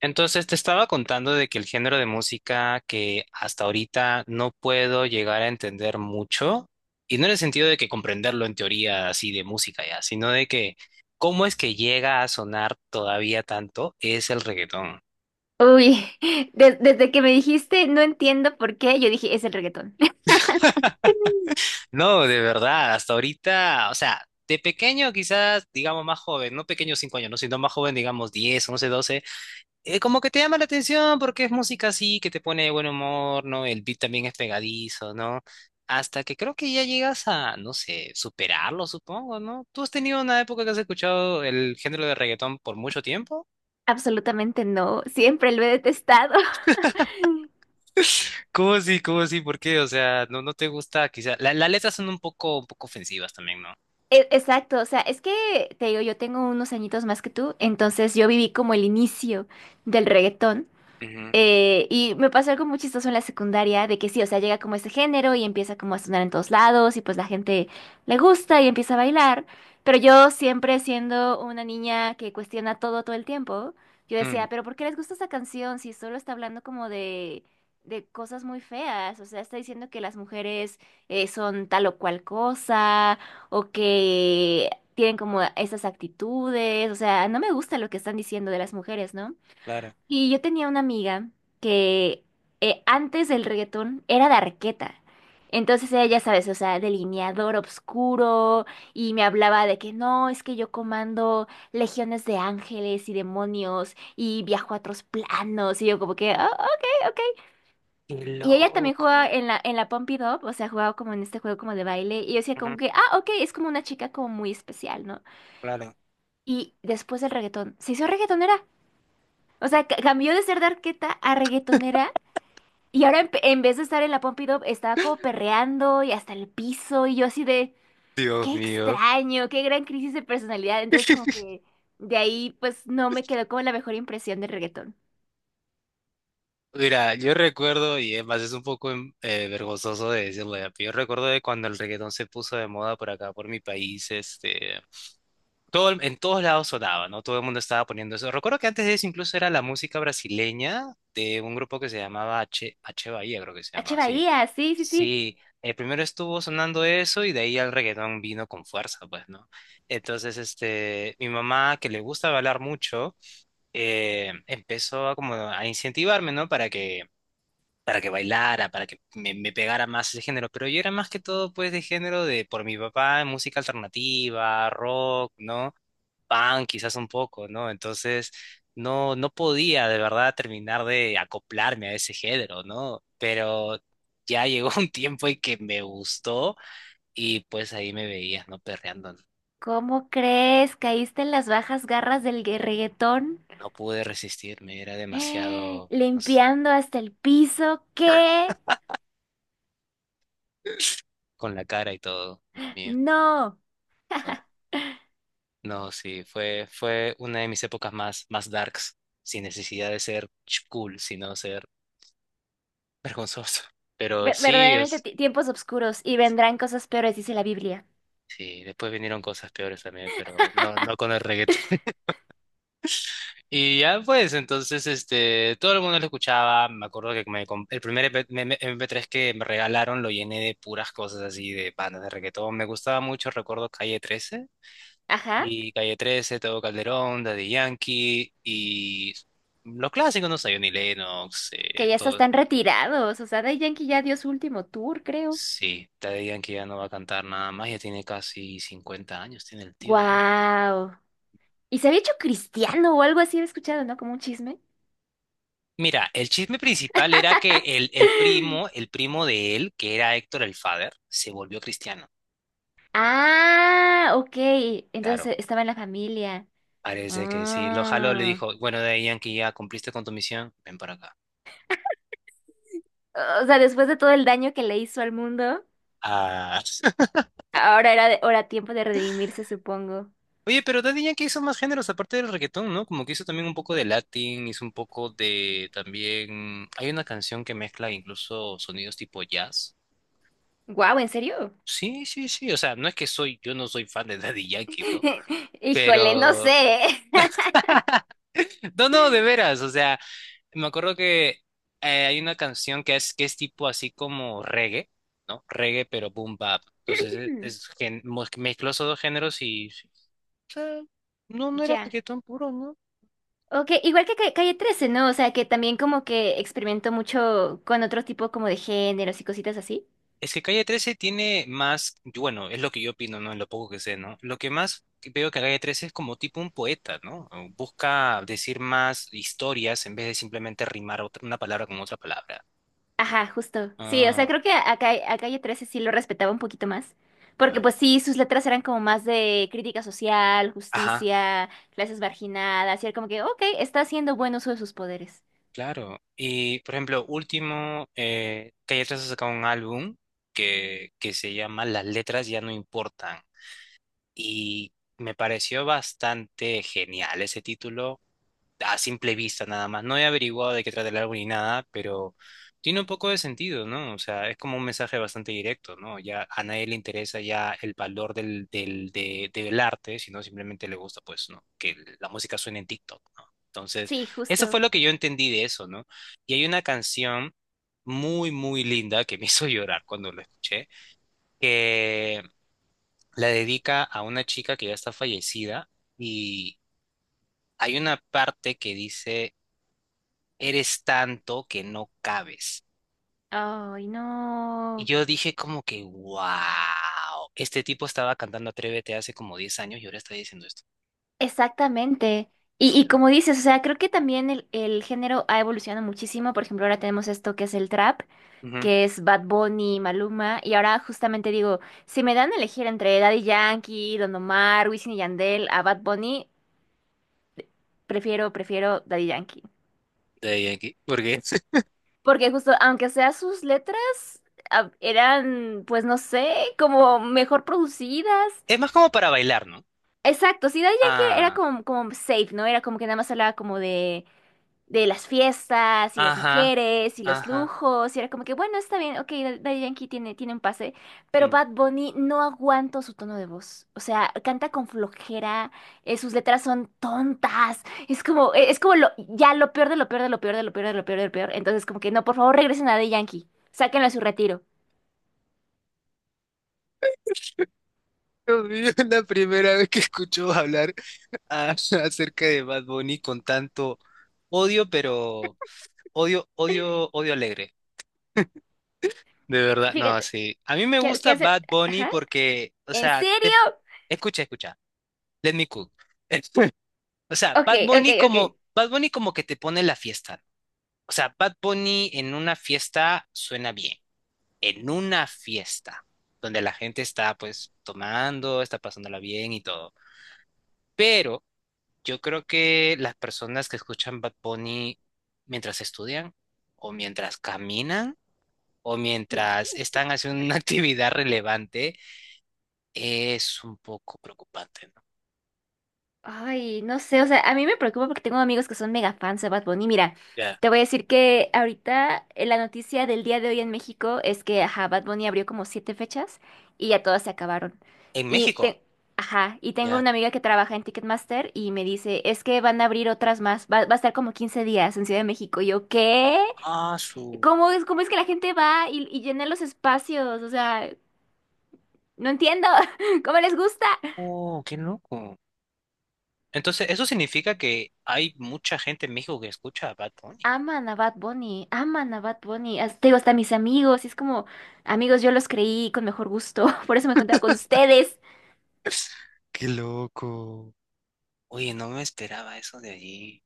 Entonces te estaba contando de que el género de música que hasta ahorita no puedo llegar a entender mucho, y no en el sentido de que comprenderlo en teoría así de música ya, sino de que cómo es que llega a sonar todavía tanto es el reggaetón. Uy, desde que me dijiste no entiendo por qué, yo dije es el reggaetón. No, de verdad, hasta ahorita, o sea, de pequeño quizás, digamos más joven, no pequeño 5 años, no, sino más joven, digamos 10, 11, 12. Como que te llama la atención porque es música así, que te pone de buen humor, ¿no? El beat también es pegadizo, ¿no? Hasta que creo que ya llegas a, no sé, superarlo, supongo, ¿no? ¿Tú has tenido una época que has escuchado el género de reggaetón por mucho tiempo? Absolutamente no, siempre lo he detestado. ¿Cómo así? ¿Cómo así? ¿Por qué? O sea, no, no te gusta, quizá. Las letras son un poco ofensivas también, ¿no? Exacto, o sea, es que te digo, yo tengo unos añitos más que tú, entonces yo viví como el inicio del reggaetón. Ujú, Y me pasó algo muy chistoso en la secundaria, de que sí, o sea, llega como este género y empieza como a sonar en todos lados y pues la gente le gusta y empieza a bailar, pero yo siempre siendo una niña que cuestiona todo todo el tiempo, yo mm, decía, pero ¿por qué les gusta esa canción si solo está hablando como de, cosas muy feas? O sea, está diciendo que las mujeres son tal o cual cosa o que tienen como esas actitudes, o sea, no me gusta lo que están diciendo de las mujeres, ¿no? claro. Y yo tenía una amiga que antes del reggaetón era de Arqueta. Entonces ella, ya sabes, o sea, delineador oscuro y me hablaba de que no, es que yo comando legiones de ángeles y demonios y viajo a otros planos y yo como que, "Ah, ok, ok". Qué Y ella también jugaba loco. en la, Pump It Up, o sea, jugaba como en este juego como de baile y yo decía Ujú, como que, ah, ok, es como una chica como muy especial, ¿no? claro. Y después del reggaetón, se hizo reggaetonera. O sea, cambió de ser de Arqueta a reggaetonera. Y ahora en vez de estar en la Pompidou, estaba como perreando y hasta el piso y yo así de, Dios qué mío. extraño, qué gran crisis de personalidad. Entonces como que de ahí pues no me quedó como la mejor impresión del reggaetón. Mira, yo recuerdo, y es más, es un poco vergonzoso de decirlo ya, pero yo recuerdo de cuando el reggaetón se puso de moda por acá, por mi país, este, todo, en todos lados sonaba, ¿no? Todo el mundo estaba poniendo eso. Recuerdo que antes de eso incluso era la música brasileña de un grupo que se llamaba H, H Bahía, creo que se H. llamaba, sí. Bahía, sí, sí, sí. Sí, primero estuvo sonando eso y de ahí el reggaetón vino con fuerza, pues, ¿no? Entonces, este, mi mamá, que le gusta bailar mucho, empezó a como a incentivarme, ¿no? Para que bailara, para que me pegara más ese género, pero yo era más que todo pues de género de por mi papá, música alternativa, rock, ¿no? Punk quizás un poco, ¿no? Entonces no, no podía de verdad terminar de acoplarme a ese género, ¿no? Pero ya llegó un tiempo en que me gustó y pues ahí me veías, ¿no? Perreando, no. ¿Cómo crees? ¿Caíste en las bajas garras del reggaetón? No pude resistirme, era demasiado, no sé, Limpiando hasta el piso. ¿Qué? con la cara y todo, Dios mío, No. ¿no? No, sí, fue una de mis épocas más, más darks, sin necesidad de ser cool, sino ser vergonzoso. Pero Ver- sí, verdaderamente tiempos oscuros y sí, vendrán cosas peores, dice la Biblia. sí, después vinieron cosas peores también, pero no, no con el reggaetón. Y ya pues, entonces, este, todo el mundo lo escuchaba, me acuerdo que el primer EP MP3 que me regalaron lo llené de puras cosas así, de bandas de reggaetón, me gustaba mucho, recuerdo Calle 13, Ajá. y Calle trece, Tego Calderón, Daddy Yankee y los clásicos, no sé, Johnny Lennox, Que ya hasta todo. están retirados. O sea, Daddy Yankee ya dio su último tour, creo. Sí, Daddy Yankee ya no va a cantar nada más, ya tiene casi 50 años, tiene el tío, ¿eh? Wow. Y se había hecho cristiano o algo así, he escuchado, ¿no? Como un chisme. Mira, el chisme principal era que el primo de él, que era Héctor el Father, se volvió cristiano. Ah, ok. Entonces Claro, estaba en la familia. parece que sí. Lo jaló, le Ah. dijo, bueno, Daddy Yankee, ya cumpliste con tu misión, ven para acá. O sea, después de todo el daño que le hizo al mundo, Ah. ahora era, ahora tiempo de redimirse, supongo. Oye, pero Daddy Yankee hizo más géneros aparte del reggaetón, ¿no? Como que hizo también un poco de Latin, hizo un poco de también... Hay una canción que mezcla incluso sonidos tipo jazz. Wow, ¿en serio? Sí, sí, sí. O sea, no es que soy, yo no soy fan de Daddy Yankee, ¿no? Híjole, no Pero... sé. No, no, de veras. O sea, me acuerdo que hay una canción que es tipo así como reggae, ¿no? Reggae, pero boom bap. Entonces Hmm. Mezcló esos dos géneros y... sí. O sea, no, no era Ya. reggaetón puro, ¿no? Ok, igual que Calle trece, ¿no? O sea, que también como que experimentó mucho con otro tipo como de géneros y cositas así. Es que Calle 13 tiene más, bueno, es lo que yo opino, ¿no? En lo poco que sé, ¿no? Lo que más que veo que Calle 13 es como tipo un poeta, ¿no? O busca decir más historias en vez de simplemente rimar una palabra con otra palabra. Ajá, justo. Sí, o sea, Ah, creo que a, a Calle 13 sí lo respetaba un poquito más. Porque claro. pues sí, sus letras eran como más de crítica social, Ajá, justicia, clases marginadas, y era como que, ok, está haciendo buen uso de sus poderes. claro. Y, por ejemplo, último, Calle 13 ha sacado un álbum que se llama Las letras ya no importan. Y me pareció bastante genial ese título. A simple vista nada más. No he averiguado de qué trata el álbum ni nada, pero tiene un poco de sentido, ¿no? O sea, es como un mensaje bastante directo, ¿no? Ya a nadie le interesa ya el valor del arte, sino simplemente le gusta, pues, ¿no? Que la música suene en TikTok, ¿no? Entonces, Sí, eso fue justo. lo que yo entendí de eso, ¿no? Y hay una canción muy, muy linda que me hizo llorar cuando la escuché, que la dedica a una chica que ya está fallecida y hay una parte que dice eres tanto que no cabes. Ay, Y no. yo dije como que, wow, este tipo estaba cantando Atrévete hace como 10 años y ahora está diciendo esto. Exactamente. Y, Fue y como loco. dices, o sea, creo que también el género ha evolucionado muchísimo. Por ejemplo, ahora tenemos esto que es el trap. Ujú. Que es Bad Bunny, Maluma, y ahora justamente digo, si me dan a elegir entre Daddy Yankee, Don Omar, Wisin y Yandel a Bad Bunny, prefiero Daddy Yankee. De ahí aquí. Porque Porque justo, aunque sea sus letras, ah, eran, pues no sé, como mejor producidas. es más como para bailar, ¿no? Exacto, sí, Daddy Yankee era Ah, como, safe, ¿no? Era como que nada más hablaba como de las fiestas y las ajá, mujeres y los ajá. lujos. Y era como que, bueno, está bien, ok, Daddy Yankee tiene un pase, pero Mm. Bad Bunny no aguanto su tono de voz. O sea, canta con flojera, sus letras son tontas. Es como lo, ya lo peor de lo peor de lo peor de lo peor de lo peor de lo peor. Entonces, como que no, por favor, regresen a Daddy Yankee. Sáquenlo a su retiro. Dios mío, la primera vez que escucho hablar a- acerca de Bad Bunny con tanto odio, pero odio, odio, odio alegre. De verdad, no, Fíjate, sí. A mí me ¿qué gusta hacer? Bad Bunny Ajá. porque, o ¿En sea, serio? te... escucha, escucha. Let me cook. O sea, Ok, ok, Bad Bunny como que te pone la fiesta. O sea, Bad Bunny en una fiesta suena bien. En una fiesta donde la gente está pues tomando, está pasándola bien y todo. Pero yo creo que las personas que escuchan Bad Bunny mientras estudian o mientras caminan o ok. mientras están haciendo una actividad relevante es un poco preocupante, ¿no? Ay, no sé, o sea, a mí me preocupa porque tengo amigos que son mega fans de Bad Bunny. Mira, Ya. te voy a decir que ahorita la noticia del día de hoy en México es que, ajá, Bad Bunny abrió como siete fechas y ya todas se acabaron. En Y, México, ajá, y tengo ya. una amiga que trabaja en Ticketmaster y me dice, es que van a abrir otras más, va, a estar como 15 días en Ciudad de México. Y yo, ¿qué? Ah, su. cómo es que la gente va y llena los espacios? O sea, no entiendo, ¿cómo les gusta? Oh, qué loco. Entonces, eso significa que hay mucha gente en México que escucha a Bad Bunny. Aman a Bad Bunny, aman a Bad Bunny. Te digo, hasta mis amigos, y es como, amigos, yo los creí con mejor gusto, por eso me contaba con ustedes. Qué loco. Oye, no me esperaba eso de allí.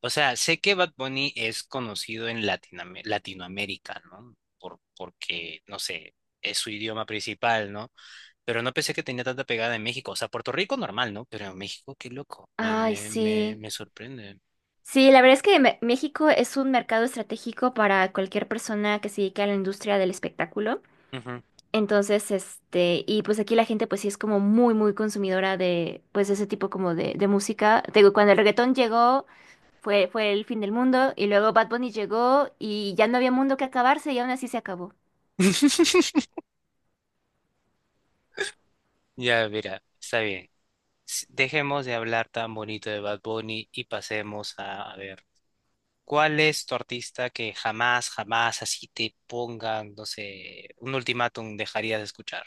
O sea, sé que Bad Bunny es conocido en Latinoamérica, ¿no? Por, porque, no sé, es su idioma principal, ¿no? Pero no pensé que tenía tanta pegada en México. O sea, Puerto Rico normal, ¿no? Pero en México, qué loco. Ay, sí. Me sorprende. Sí, la verdad es que México es un mercado estratégico para cualquier persona que se dedique a la industria del espectáculo. Entonces, este, y pues aquí la gente pues sí es como muy, muy consumidora de pues ese tipo como de, música. Te digo, cuando el reggaetón llegó, fue el fin del mundo, y luego Bad Bunny llegó y ya no había mundo que acabarse y aún así se acabó. Ya, mira, está bien. Dejemos de hablar tan bonito de Bad Bunny y pasemos a ver, ¿cuál es tu artista que jamás, jamás así te pongan, no sé, un ultimátum dejarías de escuchar?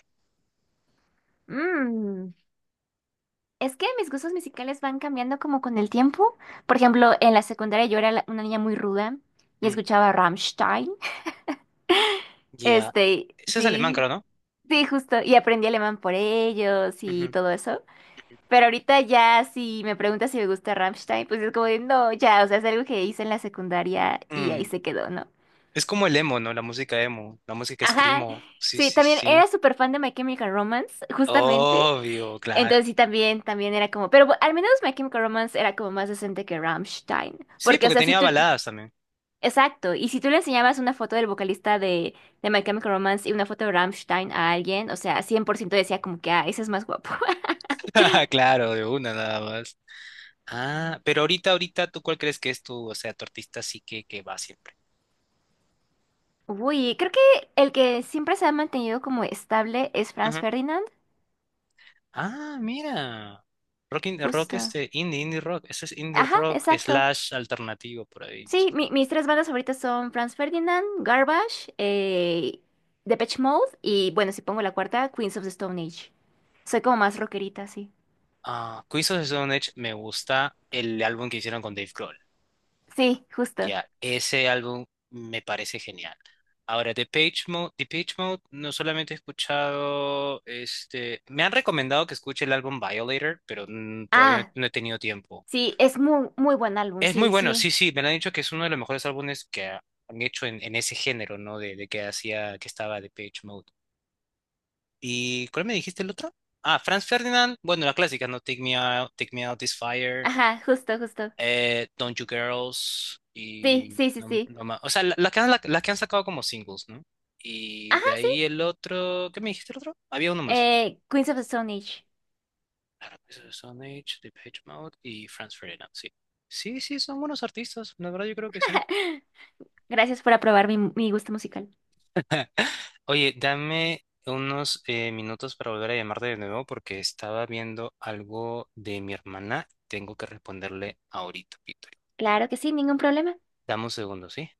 Mm. Es que mis gustos musicales van cambiando como con el tiempo. Por ejemplo, en la secundaria yo era una niña muy ruda y Mm, escuchaba Rammstein. ya. Este, Ese es alemán, sí, creo, ¿no? sí, justo. Y aprendí alemán por ellos Ujú, y todo eso. ujú. Pero ahorita ya si me preguntas si me gusta Rammstein, pues es como de, no, ya, o sea, es algo que hice en la secundaria y ahí Mm, se quedó, ¿no? es como el emo, ¿no? La música emo, la música Ajá. screamo. Sí, Sí, sí, también sí. era súper fan de My Chemical Romance, justamente. Obvio, claro. Entonces sí, también, era como, pero al menos My Chemical Romance era como más decente que Rammstein, Sí, porque o porque sea, si tenía tú, baladas también. exacto, y si tú le enseñabas una foto del vocalista de My Chemical Romance y una foto de Rammstein a alguien, o sea, 100% decía como que, ah, ese es más guapo. Claro, de una nada más. Ah, pero ahorita, ahorita, ¿tú cuál crees que es tu, o sea, tu artista sí que va siempre? Uy, creo que el que siempre se ha mantenido como estable es Franz Ujú. Ferdinand, Ah, mira. Rock, rock justo. este, indie, indie rock. Eso es indie Ajá, rock exacto. slash alternativo por ahí, más Sí, o menos. mis tres bandas favoritas son Franz Ferdinand, Garbage, Depeche Mode y bueno, si pongo la cuarta, Queens of the Stone Age. Soy como más rockerita, sí. Ah, Queens of the Stone Age me gusta el álbum que hicieron con Dave Grohl. Sí, justo. Ya, ese álbum me parece genial. Ahora, The Page Mode, The Page Mode no solamente he escuchado, este, me han recomendado que escuche el álbum Violator, pero todavía no Ah, no he tenido tiempo. sí, es muy, muy buen álbum, Es muy sí, bueno, sí, sí. sí, me lo han dicho que es uno de los mejores álbumes que han hecho en ese género, ¿no? De que hacía, que estaba de Page Mode. ¿Y cuál me dijiste el otro? Ah, Franz Ferdinand, bueno, la clásica, ¿no? Take Me Out, Take Me Out This Fire, Ajá, justo, justo. Don't You Girls, Sí, y sí, sí, no, sí. no más. O sea, las que han, las que han sacado como singles, ¿no? Y Ajá, de sí. ahí el otro, ¿qué me dijiste el otro? Había uno más. Queens of the Stone Age. Claro, pues, Stone Age, The Page Mode y Franz Ferdinand, sí. Sí, sí, son buenos artistas, la verdad yo creo que sí. Gracias por aprobar mi, gusto musical. Oye, dame unos minutos para volver a llamarte de nuevo porque estaba viendo algo de mi hermana. Tengo que responderle ahorita, Víctor. Claro que sí, ningún problema. Dame un segundo, ¿sí?